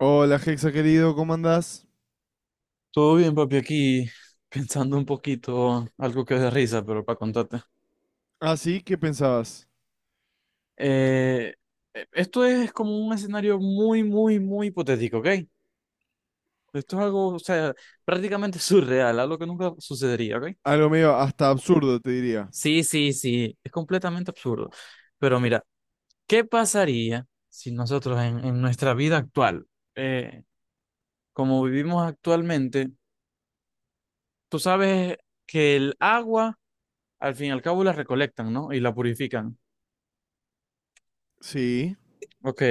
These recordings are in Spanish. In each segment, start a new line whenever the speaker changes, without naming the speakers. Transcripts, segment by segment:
Hola, Hexa querido, ¿cómo andás?
Todo bien, papi, aquí pensando un poquito, algo que es de risa, pero para contarte.
Ah, sí, ¿qué pensabas?
Eh, Esto es como un escenario muy, muy, muy hipotético, ¿ok? Esto es algo, o sea, prácticamente surreal, algo que nunca sucedería, ¿ok?
Algo medio hasta absurdo, te diría.
Sí, sí, sí, es completamente absurdo. Pero mira, ¿qué pasaría si nosotros en nuestra vida actual, eh, como vivimos actualmente, tú sabes que el agua, al fin y al cabo, la recolectan, ¿no? Y la purifican.
Sí.
Ok,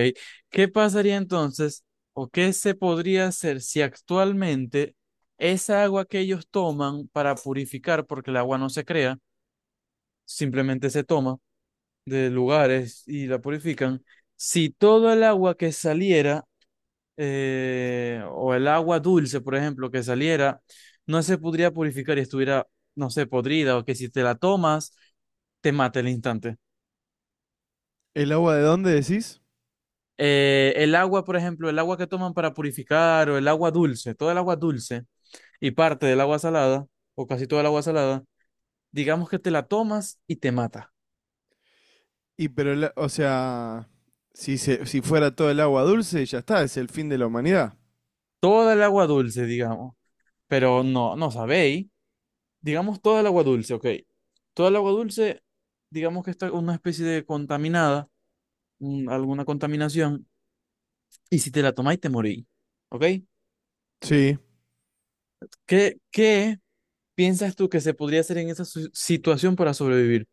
¿qué pasaría entonces o qué se podría hacer si actualmente esa agua que ellos toman para purificar, porque el agua no se crea, simplemente se toma de lugares y la purifican, si todo el agua que saliera, o el agua dulce, por ejemplo, que saliera, no se podría purificar y estuviera, no sé, podrida, o que si te la tomas, ¿te mata el instante?
¿El agua de dónde decís?
El agua, por ejemplo, el agua que toman para purificar o el agua dulce, toda el agua dulce y parte del agua salada, o casi toda el agua salada, digamos que te la tomas y te mata.
Y pero, o sea, si fuera todo el agua dulce, ya está, es el fin de la humanidad.
Toda el agua dulce, digamos, pero no, no sabéis. Digamos toda el agua dulce, ok. Toda el agua dulce, digamos que está una especie de contaminada, alguna contaminación, y si te la tomáis te morís, ok.
Sí.
¿Qué piensas tú que se podría hacer en esa situación para sobrevivir?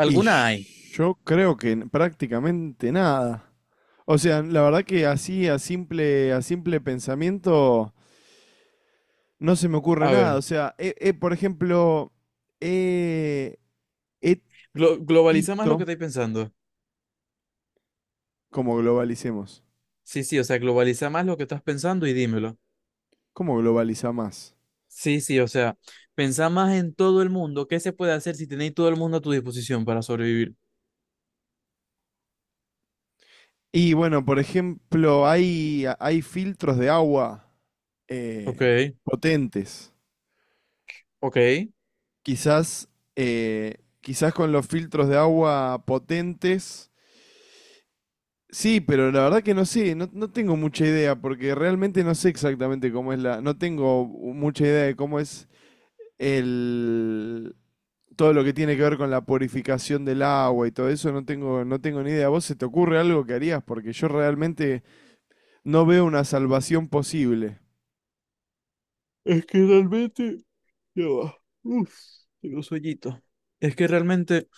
Y
hay?
yo creo que prácticamente nada. O sea, la verdad que así a simple pensamiento no se me ocurre
A
nada.
ver.
O sea, por ejemplo, he, he
Globaliza más lo que
visto,
estáis pensando.
como globalicemos.
Sí, sí, o sea, globaliza más lo que estás pensando y dímelo.
¿Cómo globaliza más?
Sí, sí, o sea, pensá más en todo el mundo. ¿Qué se puede hacer si tenéis todo el mundo a tu disposición para sobrevivir?
Y bueno, por ejemplo, hay filtros de agua
Ok,
eh, potentes.
ok.
Quizás, quizás con los filtros de agua potentes. Sí, pero la verdad que no sé, no tengo mucha idea, porque realmente no sé exactamente cómo es la. No tengo mucha idea de cómo es el. Todo lo que tiene que ver con la purificación del agua y todo eso, no tengo ni idea. ¿Vos se te ocurre algo que harías? Porque yo realmente no veo una salvación posible.
Es que realmente... Ya va. Uf, tengo sueñito. Es que realmente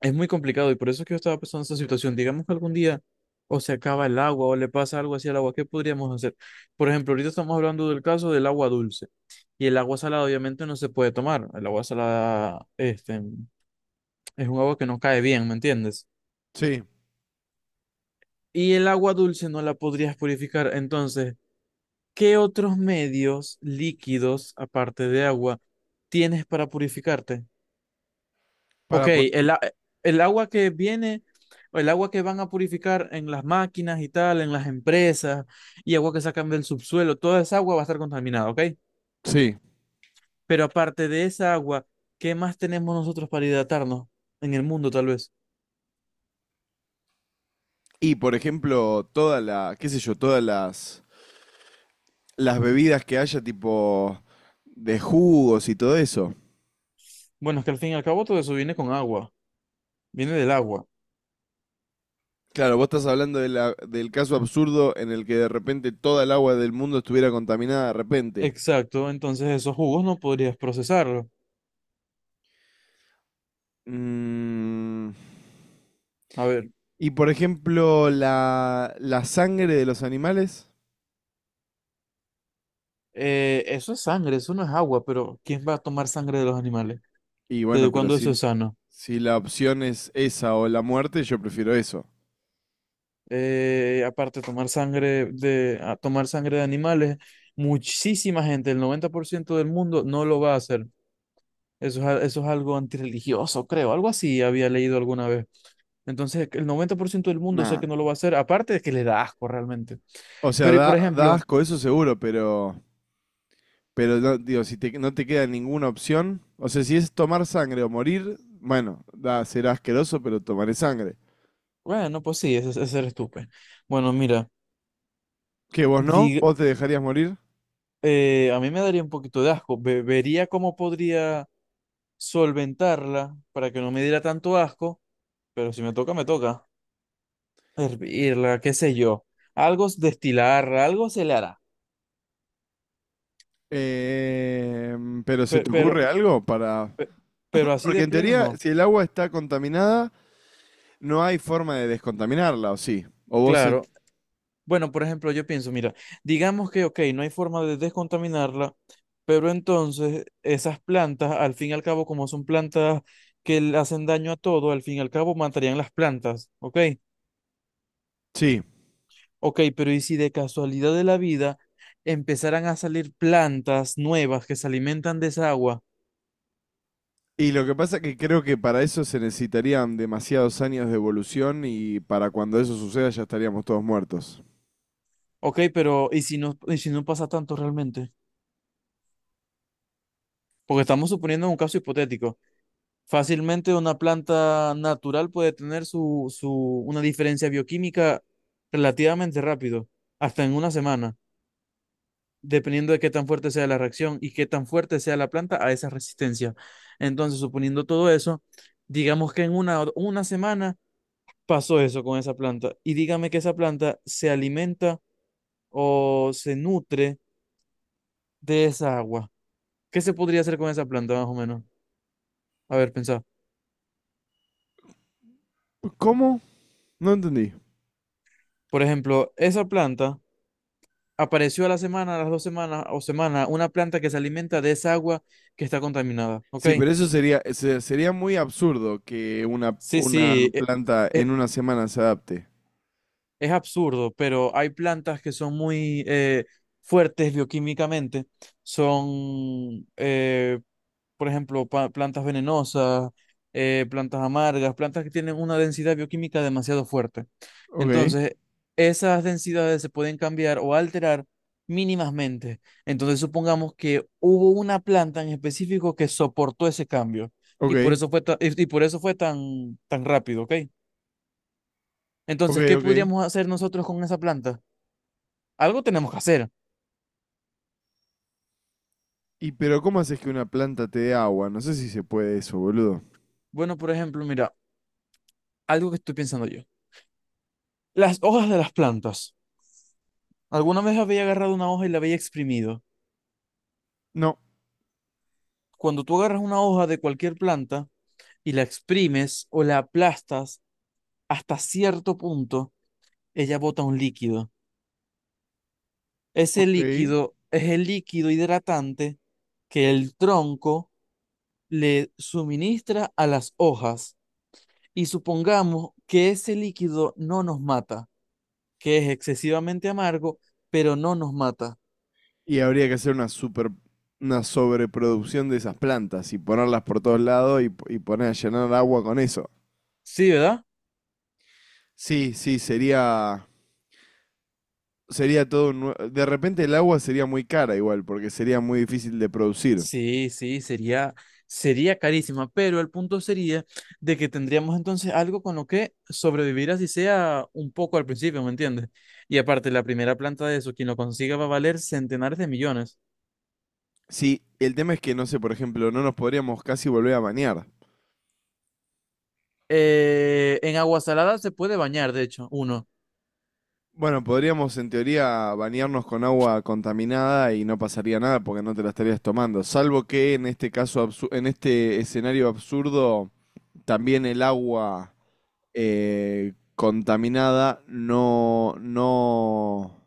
es muy complicado y por eso es que yo estaba pensando en esa situación. Digamos que algún día o se acaba el agua o le pasa algo así al agua, ¿qué podríamos hacer? Por ejemplo, ahorita estamos hablando del caso del agua dulce. Y el agua salada obviamente no se puede tomar. El agua salada, este, es un agua que no cae bien, ¿me entiendes?
Sí,
Y el agua dulce no la podrías purificar. Entonces, ¿qué otros medios líquidos, aparte de agua, tienes para purificarte? Ok,
para po-
el agua que viene, o el agua que van a purificar en las máquinas y tal, en las empresas, y agua que sacan del subsuelo, toda esa agua va a estar contaminada, ¿ok?
sí.
Pero aparte de esa agua, ¿qué más tenemos nosotros para hidratarnos en el mundo, tal vez?
Y por ejemplo, qué sé yo, las bebidas que haya, tipo de jugos y todo eso.
Bueno, es que al fin y al cabo todo eso viene con agua, viene del agua.
Claro, vos estás hablando de del caso absurdo en el que de repente toda el agua del mundo estuviera contaminada de repente.
Exacto, entonces esos jugos no podrías procesarlos.
Mm.
A ver,
Y por ejemplo, la sangre de los animales.
eso es sangre, eso no es agua, pero ¿quién va a tomar sangre de los animales?
Y bueno,
¿Desde
pero
cuándo eso
si,
es sano?
si la opción es esa o la muerte, yo prefiero eso.
Aparte, a tomar sangre de animales, muchísima gente, el 90% del mundo no lo va a hacer. Eso es algo antirreligioso, creo, algo así había leído alguna vez. Entonces, el 90% del mundo sé que no
Nada.
lo va a hacer, aparte de que le da asco realmente.
O sea,
Pero, y por
da
ejemplo,
asco, eso seguro, pero no, digo, no te queda ninguna opción, o sea, si es tomar sangre o morir, bueno, da, será asqueroso, pero tomaré sangre.
bueno, pues sí, ese eres tú, pues. Bueno, mira,
¿Qué, vos no?
dig-
¿Vos te dejarías morir?
a mí me daría un poquito de asco. Vería cómo podría solventarla para que no me diera tanto asco, pero si me toca, me toca. Hervirla, qué sé yo. Destilarla, algo se le hará.
Eh, pero ¿se
Pe-
te
Pero,
ocurre algo para...?
pe- pero, así
Porque
de
en
pleno
teoría,
no.
si el agua está contaminada, no hay forma de descontaminarla, ¿o sí?
Claro, bueno, por ejemplo, yo pienso, mira, digamos que, ok, no hay forma de descontaminarla, pero entonces esas plantas, al fin y al cabo, como son plantas que le hacen daño a todo, al fin y al cabo matarían las plantas, ¿ok?
Sí.
Ok, pero ¿y si de casualidad de la vida empezaran a salir plantas nuevas que se alimentan de esa agua?
Y lo que pasa es que creo que para eso se necesitarían demasiados años de evolución y para cuando eso suceda ya estaríamos todos muertos.
Ok, pero y si no pasa tanto realmente? Porque estamos suponiendo un caso hipotético. Fácilmente una planta natural puede tener una diferencia bioquímica relativamente rápido, hasta en una semana, dependiendo de qué tan fuerte sea la reacción y qué tan fuerte sea la planta a esa resistencia. Entonces, suponiendo todo eso, digamos que en una semana pasó eso con esa planta y dígame que esa planta se alimenta o se nutre de esa agua. ¿Qué se podría hacer con esa planta más o menos? A ver, pensá.
¿Cómo? No entendí.
Por ejemplo, esa planta apareció a la semana, a las dos semanas o semana, una planta que se alimenta de esa agua que está contaminada. ¿Ok?
Sí, pero eso sería, sería muy absurdo que
Sí,
una
sí.
planta
e-
en una semana se adapte.
Es absurdo, pero hay plantas que son muy fuertes bioquímicamente. Son, por ejemplo, plantas venenosas, plantas amargas, plantas que tienen una densidad bioquímica demasiado fuerte.
Ok,
Entonces, esas densidades se pueden cambiar o alterar mínimamente. Entonces, supongamos que hubo una planta en específico que soportó ese cambio y por
ok,
eso fue, y por eso fue tan rápido, ¿ok?
ok,
Entonces, ¿qué
ok.
podríamos hacer nosotros con esa planta? Algo tenemos que hacer.
Y pero ¿cómo haces que una planta te dé agua? No sé si se puede eso, boludo.
Bueno, por ejemplo, mira, algo que estoy pensando yo. Las hojas de las plantas. Alguna vez había agarrado una hoja y la había exprimido.
No,
Cuando tú agarras una hoja de cualquier planta y la exprimes o la aplastas hasta cierto punto, ella bota un líquido. Ese
ok.
líquido es el líquido hidratante que el tronco le suministra a las hojas. Y supongamos que ese líquido no nos mata, que es excesivamente amargo, pero no nos mata.
Y habría que hacer una super, una sobreproducción de esas plantas y ponerlas por todos lados y, y poner a llenar agua con eso.
Sí, ¿verdad?
Sí, sí, sería todo un de repente el agua sería muy cara igual, porque sería muy difícil de producir.
Sí, sí, sería, sería carísima, pero el punto sería de que tendríamos entonces algo con lo que sobrevivir así sea un poco al principio, ¿me entiendes? Y aparte, la primera planta de eso, quien lo consiga va a valer centenares de millones.
Sí, el tema es que, no sé, por ejemplo, no nos podríamos casi volver a bañar.
En agua salada se puede bañar, de hecho, uno.
Bueno, podríamos en teoría bañarnos con agua contaminada y no pasaría nada porque no te la estarías tomando. Salvo que en este caso, en este escenario absurdo, también el agua contaminada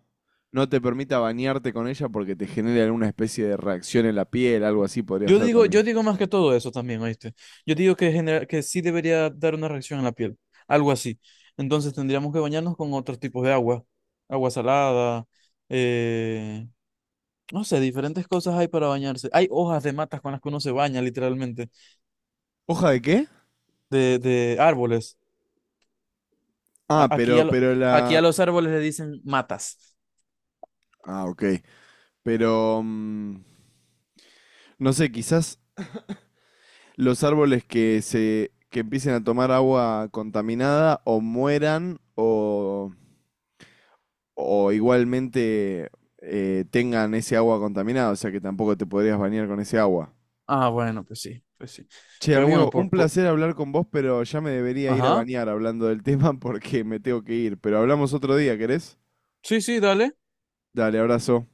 no te permita bañarte con ella porque te genere alguna especie de reacción en la piel, algo así podría ser también.
Yo digo más que todo eso también, ¿oíste? Yo digo que, que sí debería dar una reacción en la piel, algo así. Entonces tendríamos que bañarnos con otros tipos de agua, agua salada, eh. No sé, diferentes cosas hay para bañarse. Hay hojas de matas con las que uno se baña, literalmente,
¿Hoja de qué?
de árboles.
Ah,
Aquí,
pero,
aquí a los árboles le dicen matas.
ah, ok. Pero, mm, no sé, quizás los árboles que empiecen a tomar agua contaminada o mueran o igualmente tengan ese agua contaminada, o sea que tampoco te podrías bañar con ese agua.
Ah, bueno, pues sí, pues sí.
Che,
Pero bueno,
amigo, un
por...
placer hablar con vos, pero ya me debería ir a
Ajá.
bañar hablando del tema porque me tengo que ir. Pero hablamos otro día, ¿querés?
Sí, sí, dale.
Dale, abrazo.